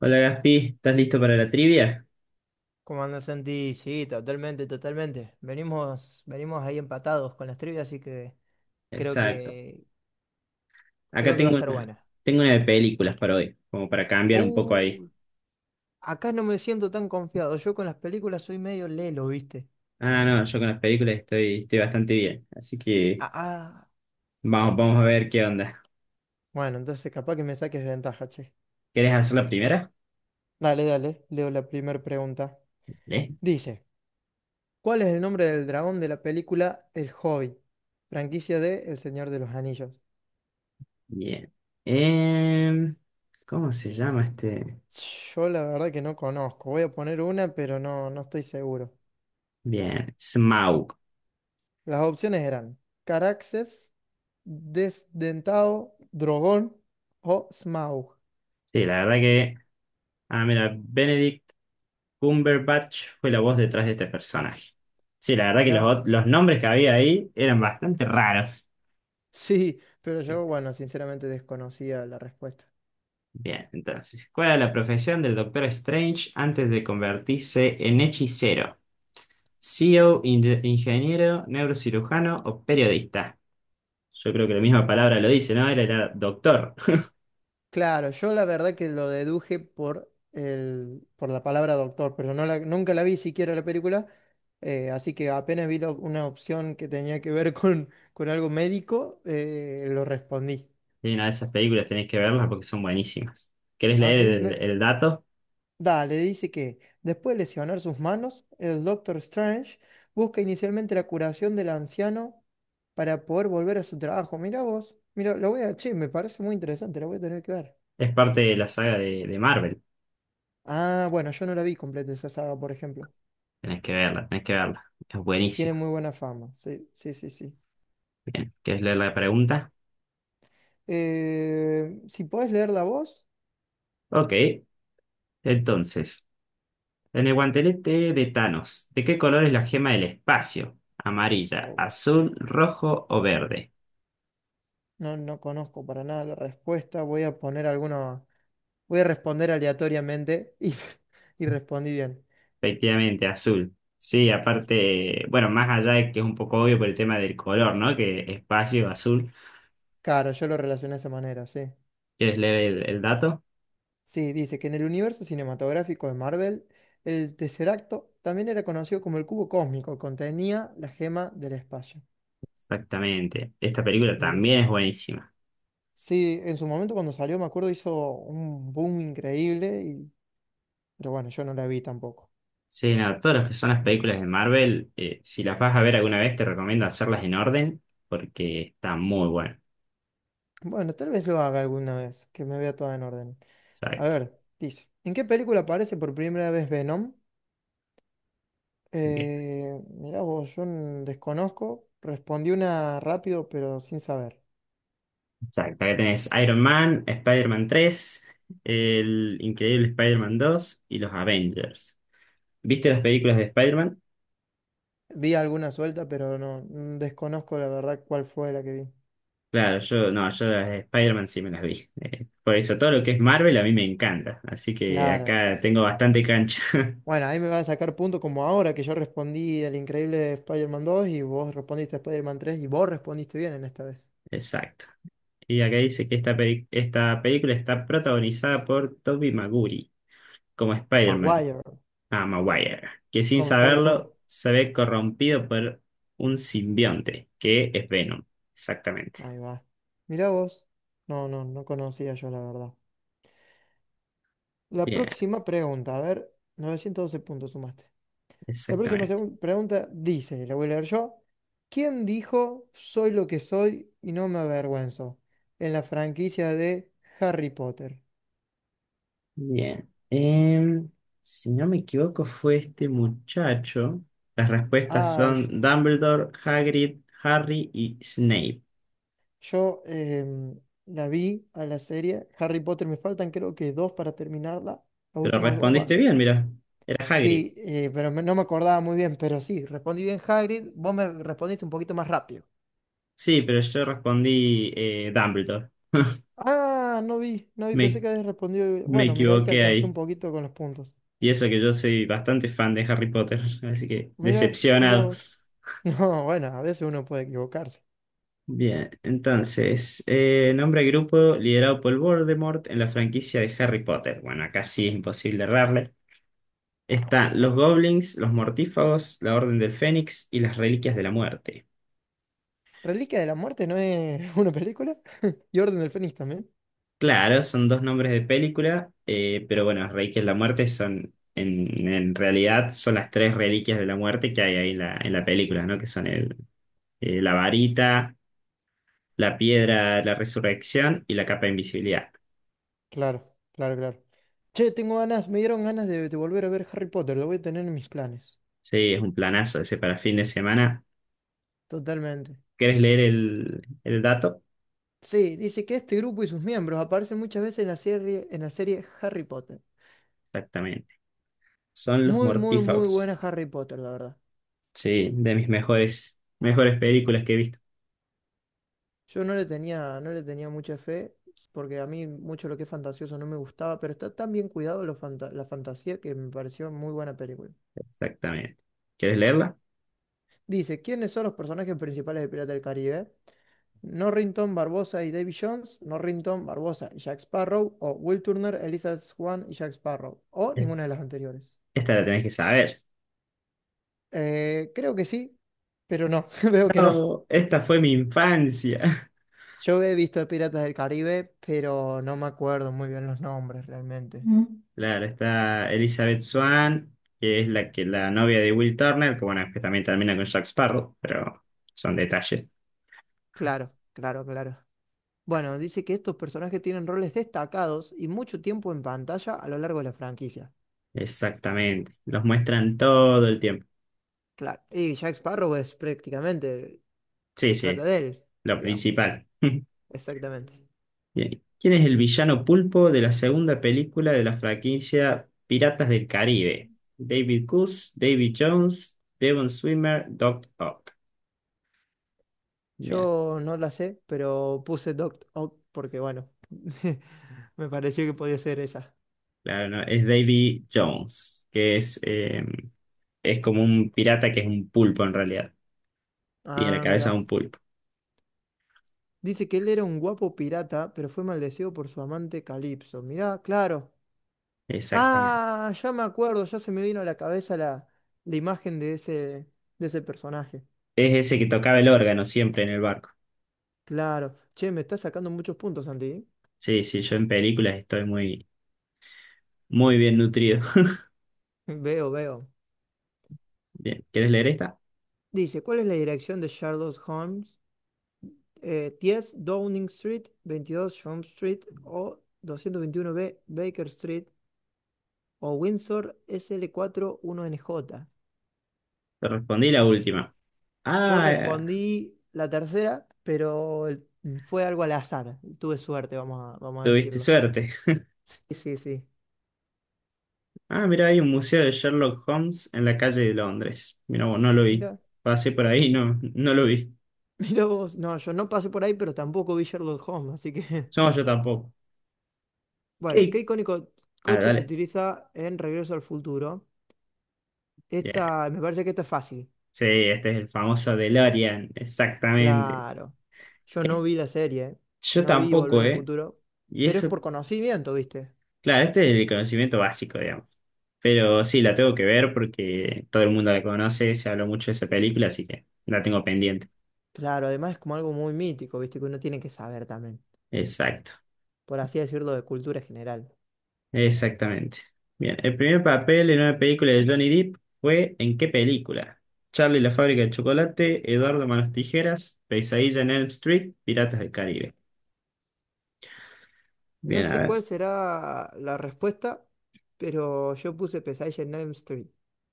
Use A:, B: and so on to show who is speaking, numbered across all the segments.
A: Hola Gaspi, ¿estás listo para la trivia?
B: ¿Cómo andas, Santi? Sí, totalmente, totalmente. Venimos, venimos ahí empatados con las trivias, así que creo
A: Exacto.
B: que
A: Acá
B: creo que va a
A: tengo
B: estar
A: una,
B: buena.
A: tengo una de películas para hoy, como para cambiar un poco ahí.
B: Uh, acá no me siento tan confiado. Yo con las películas soy medio lelo, ¿viste?
A: Ah, no, yo con las películas estoy bastante bien, así que
B: Ah, ah.
A: vamos a ver qué onda.
B: Bueno, entonces capaz que me saques ventaja, che.
A: ¿Quieres hacer la primera?
B: Dale, dale, leo la primera pregunta.
A: ¿Eh?
B: Dice, ¿cuál es el nombre del dragón de la película El Hobbit? Franquicia de El Señor de los Anillos.
A: Bien. Em, ¿Cómo se
B: Mm,
A: llama este?
B: Yo la verdad que no conozco. Voy a poner una, pero no, no estoy seguro.
A: Bien, Smaug.
B: Las opciones eran Caraxes, Desdentado, Drogón o Smaug.
A: Sí, la verdad que... Ah, mira, Benedict Cumberbatch fue la voz detrás de este personaje. Sí, la verdad que los,
B: Mira,
A: ot- los nombres que había ahí eran bastante raros.
B: sí, pero
A: Bien,
B: yo, bueno, sinceramente desconocía la respuesta.
A: bien, entonces, ¿cuál era la profesión del Doctor Strange antes de convertirse en hechicero? CEO, ingeniero, neurocirujano o periodista. Yo creo que la misma palabra lo dice, ¿no? Era doctor.
B: Claro, yo la verdad que lo deduje por el, por la palabra doctor, pero nunca la vi siquiera la película, así que apenas vi una opción que tenía que ver con algo médico, lo respondí.
A: Y una de esas películas tenés que verlas porque son buenísimas. ¿Querés
B: Ah,
A: leer
B: sí,
A: el, el dato?
B: dale, dice que después de lesionar sus manos, el Doctor Strange busca inicialmente la curación del anciano para poder volver a su trabajo. Mirá vos, mira, lo voy a, che, me parece muy interesante, lo voy a tener que ver.
A: Es parte de la saga de Marvel.
B: Ah, bueno, yo no la vi completa esa saga, por ejemplo.
A: Tenés que verla, tenés que verla. Es
B: Tiene
A: buenísima.
B: muy buena fama, sí, sí, sí, sí.
A: Bien, ¿querés leer la pregunta?
B: Si podés leer la voz,
A: Ok, entonces. En el guantelete de Thanos, ¿de qué color es la gema del espacio? ¿Amarilla,
B: oh,
A: azul, rojo o verde?
B: no, no conozco para nada la respuesta, voy a poner alguna, voy a responder aleatoriamente y, y respondí bien.
A: Efectivamente, azul. Sí, aparte, bueno, más allá de que es un poco obvio por el tema del color, ¿no? Que espacio, azul.
B: Claro, yo lo relacioné de esa manera, sí.
A: ¿Quieres leer el dato?
B: Sí, dice que en el universo cinematográfico de Marvel, el Tesseracto también era conocido como el cubo cósmico, contenía la gema del espacio.
A: Exactamente. Esta película
B: Mire.
A: también es buenísima.
B: Sí, en su momento cuando salió, me acuerdo, hizo un boom increíble, y pero bueno, yo no la vi tampoco.
A: Sí, no, todas las que son las películas de Marvel, si las vas a ver alguna vez, te recomiendo hacerlas en orden porque está muy bueno.
B: Bueno, tal vez lo haga alguna vez, que me vea toda en orden. A
A: Exacto.
B: ver, dice, ¿en qué película aparece por primera vez Venom? Mirá vos, yo desconozco, respondí una rápido, pero sin saber.
A: Exacto, acá tenés Iron Man, Spider-Man 3, el increíble Spider-Man 2 y los Avengers. ¿Viste las películas de Spider-Man?
B: Vi alguna suelta, pero no, desconozco la verdad cuál fue la que vi.
A: Claro, yo no, yo las de Spider-Man sí me las vi. Por eso todo lo que es Marvel a mí me encanta. Así que
B: Claro.
A: acá tengo bastante cancha.
B: Bueno, ahí me va a sacar punto como ahora que yo respondí el increíble Spider-Man 2 y vos respondiste Spider-Man 3 y vos respondiste bien en esta vez.
A: Exacto. Y acá dice que esta película está protagonizada por Tobey Maguire como Spider-Man,
B: Maguire,
A: ah, Maguire, que sin
B: como el jugador de fútbol.
A: saberlo se ve corrompido por un simbionte, que es Venom. Exactamente.
B: Ahí va. Mirá vos. No, no, no conocía yo la verdad. La
A: Bien.
B: próxima pregunta, a ver, 912 puntos sumaste. La próxima
A: Exactamente.
B: pregunta dice, la voy a leer yo. ¿Quién dijo soy lo que soy y no me avergüenzo? En la franquicia de Harry Potter.
A: Bien. Si no me equivoco, fue este muchacho. Las respuestas
B: Ay,
A: son Dumbledore, Hagrid, Harry y Snape.
B: yo la vi a la serie. Harry Potter me faltan creo que dos para terminarla. Las
A: Pero
B: últimas dos va.
A: respondiste bien, mira. Era Hagrid.
B: Sí, pero no me acordaba muy bien, pero sí, respondí bien Hagrid. Vos me respondiste un poquito más rápido.
A: Sí, pero yo respondí Dumbledore.
B: Ah, no vi, no vi, pensé
A: Me,
B: que habías respondido.
A: me
B: Bueno, mira, ahí te
A: equivoqué
B: alcancé un
A: ahí.
B: poquito con los puntos.
A: Y eso que yo soy bastante fan de Harry Potter, así que
B: Mira, mira
A: decepcionado.
B: vos. No, bueno, a veces uno puede equivocarse.
A: Bien, entonces, nombre al grupo liderado por Voldemort en la franquicia de Harry Potter. Bueno, acá sí es imposible errarle. Están los
B: Oh,
A: goblins, los mortífagos, la Orden del Fénix y las Reliquias de la Muerte.
B: Reliquia de la Muerte no es una película. Y Orden del Fénix también.
A: Claro, son dos nombres de película, pero bueno, las Reliquias de la Muerte son, en realidad, son las tres Reliquias de la Muerte que hay ahí en la película, ¿no? Que son la varita, la piedra de la resurrección y la capa de invisibilidad.
B: Claro, claro, claro. Che, tengo ganas, me dieron ganas de volver a ver Harry Potter, lo voy a tener en mis planes.
A: Sí, es un planazo ese para fin de semana.
B: Totalmente.
A: ¿Querés leer el dato?
B: Sí, dice que este grupo y sus miembros aparecen muchas veces en la serie Harry Potter.
A: Exactamente. Son los
B: Muy, muy, muy
A: mortífagos.
B: buena Harry Potter, la verdad.
A: Sí, de mis mejores, mejores películas que he visto.
B: Yo no le tenía mucha fe, porque a mí mucho lo que es fantasioso no me gustaba, pero está tan bien cuidado la fantasía que me pareció muy buena película.
A: Exactamente. ¿Quieres leerla?
B: Dice, ¿quiénes son los personajes principales de Pirata del Caribe? Norrington, Barbosa y Davy Jones, Norrington, Barbosa y Jack Sparrow, o Will Turner, Elizabeth Swann y Jack Sparrow, o
A: Eh,
B: ninguna de las anteriores.
A: Esta la tenés que saber.
B: Creo que sí, pero no, veo que no.
A: No, esta fue mi infancia.
B: Yo he visto Piratas del Caribe, pero no me acuerdo muy bien los nombres realmente. Mm.
A: Claro, está Elizabeth Swann, que es la que la novia de Will Turner, que bueno, que también termina con Jack Sparrow, pero son detalles.
B: Claro, claro, claro. Bueno, dice que estos personajes tienen roles destacados y mucho tiempo en pantalla a lo largo de la franquicia.
A: Exactamente. Los muestran todo el tiempo.
B: Claro, y Jack Sparrow es prácticamente
A: Sí,
B: se
A: sí,
B: trata
A: es
B: de él,
A: lo
B: digamos.
A: principal.
B: Exactamente.
A: Bien. ¿Quién es el villano pulpo de la segunda película de la franquicia Piratas del Caribe? David Coase, David Jones, Devon Swimmer, Doc Ock. Bien.
B: Yo no la sé, pero puse Doc Ock porque, bueno, me pareció que podía ser esa.
A: Claro, no, es Davy Jones, que es como un pirata que es un pulpo en realidad. Tiene la
B: Ah,
A: cabeza de
B: mirá.
A: un pulpo.
B: Dice que él era un guapo pirata, pero fue maldecido por su amante Calipso. Mirá, claro.
A: Exactamente.
B: Ah, ya me acuerdo, ya se me vino a la cabeza la imagen de ese personaje.
A: Es ese que tocaba el órgano siempre en el barco.
B: Claro. Che, me está sacando muchos puntos, Santi. ¿Eh?
A: Sí, sí, yo en películas estoy muy, muy bien nutrido.
B: Veo, veo.
A: Bien, ¿quieres leer esta?
B: Dice, ¿cuál es la dirección de Sherlock Holmes? 10 Downing Street, 22 Shum Street o 221B Baker Street o Windsor sl N J.
A: Te respondí la última.
B: Yo
A: Ah,
B: respondí la tercera, pero fue algo al azar. Tuve suerte, vamos a
A: tuviste
B: decirlo.
A: suerte.
B: Sí, sí, sí.
A: Ah, mira, hay un museo de Sherlock Holmes en la calle de Londres. Mira, vos, no lo vi.
B: Mira,
A: Pasé por ahí, no, no lo vi.
B: mira vos. No, yo no pasé por ahí, pero tampoco vi Sherlock Holmes, así que.
A: No, yo tampoco.
B: Bueno,
A: ¿Qué?
B: ¿qué icónico
A: Ah,
B: coche se
A: dale.
B: utiliza en Regreso al Futuro?
A: Bien.
B: Esta, me parece que esta es fácil.
A: Sí, este es el famoso DeLorean, exactamente.
B: Claro. Yo no
A: Eh,
B: vi la serie,
A: Yo
B: no vi Volver
A: tampoco,
B: al
A: ¿eh?
B: Futuro,
A: Y
B: pero es
A: eso,
B: por conocimiento, ¿viste?
A: claro, este es el conocimiento básico, digamos. Pero sí, la tengo que ver porque todo el mundo la conoce, se habló mucho de esa película, así que la tengo pendiente.
B: Claro, además es como algo muy mítico, ¿viste? Que uno tiene que saber también,
A: Exacto,
B: por así decirlo, de cultura general.
A: exactamente. Bien, el primer papel en una película de Johnny Depp fue ¿en qué película? Charlie y la fábrica de chocolate, Eduardo Manos Tijeras, Pesadilla en Elm Street, Piratas del Caribe.
B: No
A: Bien,
B: sé
A: a
B: cuál será la respuesta, pero yo puse Pesadilla en Elm Street.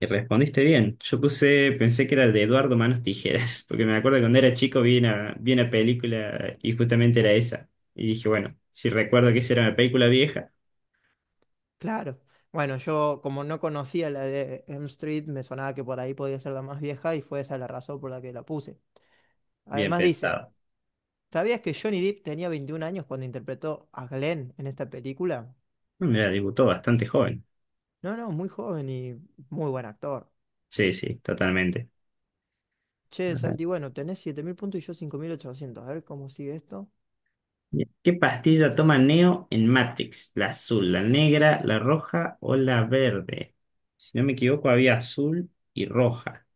A: y respondiste bien. Yo puse, pensé que era de Eduardo Manos Tijeras, porque me acuerdo que cuando era chico vi una película y justamente era esa. Y dije, bueno, si recuerdo que esa era una película vieja,
B: Claro. Bueno, yo como no conocía la de Elm Street, me sonaba que por ahí podía ser la más vieja y fue esa la razón por la que la puse.
A: bien
B: Además dice,
A: pensado.
B: ¿sabías que Johnny Depp tenía 21 años cuando interpretó a Glenn en esta película?
A: Mira, debutó bastante joven.
B: No, no, muy joven y muy buen actor.
A: Sí, sí, totalmente.
B: Che,
A: Ajá.
B: Santi, bueno, tenés 7.000 puntos y yo 5.800. A ver cómo sigue esto.
A: Bien. ¿Qué pastilla toma Neo en Matrix? ¿La azul, la negra, la roja o la verde? Si no me equivoco, había azul y roja.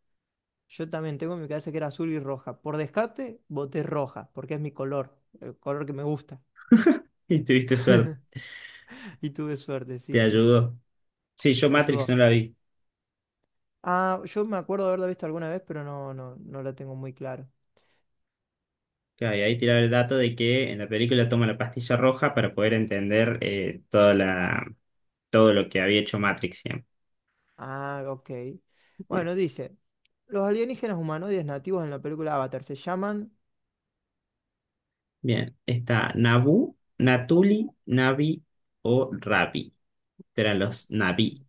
B: Yo también tengo en mi cabeza que era azul y roja. Por descarte, voté roja, porque es mi color, el color que me gusta.
A: Y tuviste suerte,
B: Y tuve suerte, sí,
A: te
B: sí.
A: ayudó. Sí, yo
B: Me
A: Matrix no
B: ayudó.
A: la vi.
B: Ah, yo me acuerdo de haberla visto alguna vez, pero no, no, no la tengo muy claro.
A: Claro, y ahí tiraba el dato de que en la película toma la pastilla roja para poder entender toda todo lo que había hecho Matrix siempre.
B: Ah, ok.
A: Bien,
B: Bueno, dice, los alienígenas humanoides nativos en la película Avatar se llaman.
A: bien. Está Nabu, Natuli, Navi o Rabi. Eran los Navi.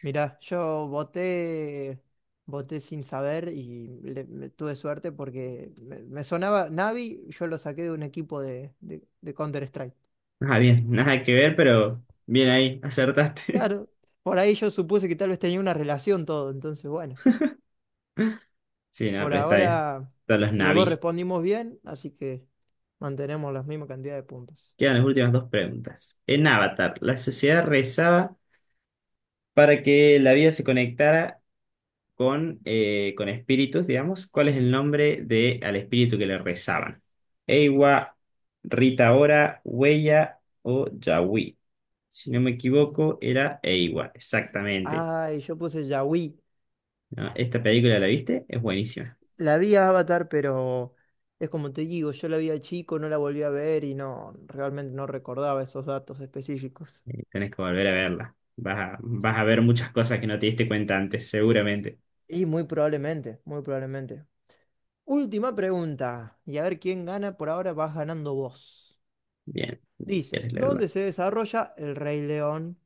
B: Mirá, yo voté sin saber y me tuve suerte porque me sonaba Navi, yo lo saqué de un equipo de Counter-Strike.
A: Ah, bien, nada que ver, pero bien ahí, acertaste.
B: Claro, por ahí yo supuse que tal vez tenía una relación todo, entonces bueno,
A: Sí, no,
B: por
A: pero está bien.
B: ahora
A: Son los
B: los dos
A: Navi.
B: respondimos bien, así que mantenemos la misma cantidad de puntos.
A: Quedan las últimas dos preguntas. En Avatar, la sociedad rezaba para que la vida se conectara con espíritus, digamos, ¿cuál es el nombre de al espíritu que le rezaban? Eiwa, Rita Ora, Huella o Yahui. Si no me equivoco, era Eiwa, exactamente.
B: Ay, yo puse Yaoi,
A: ¿No? Esta película, ¿la viste? Es buenísima.
B: la vi a Avatar, pero es como te digo, yo la vi a chico, no la volví a ver y no, realmente no recordaba esos datos específicos.
A: Tenés que volver a verla. Vas a, vas a ver muchas cosas que no te diste cuenta antes, seguramente.
B: Y muy probablemente, muy probablemente. Última pregunta, y a ver quién gana, por ahora vas ganando vos.
A: Bien,
B: Dice,
A: quieres leerla.
B: ¿dónde se desarrolla el Rey León?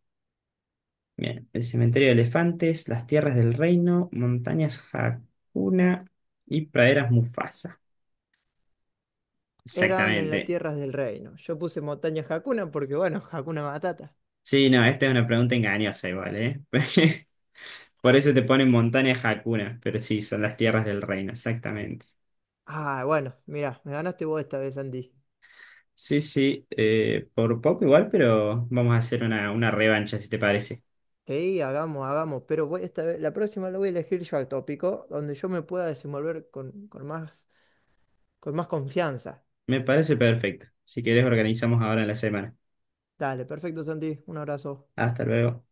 A: Bien, el cementerio de elefantes, las tierras del reino, montañas Hakuna y praderas Mufasa.
B: Eran en las
A: Exactamente.
B: tierras del reino. Yo puse montaña Hakuna porque, bueno, Hakuna Matata.
A: Sí, no, esta es una pregunta engañosa igual, ¿eh? Por eso te ponen montañas Hakuna, pero sí, son las tierras del reino, exactamente.
B: Ah, bueno, mirá, me ganaste vos esta vez, Andy.
A: Sí, sí, por poco igual, pero vamos a hacer una revancha, si te parece.
B: Sí, hagamos, hagamos, pero esta vez, la próxima la voy a elegir yo al tópico, donde yo me pueda desenvolver con más confianza.
A: Me parece perfecto. Si querés, organizamos ahora en la semana.
B: Dale, perfecto, Santi, un abrazo.
A: Hasta luego.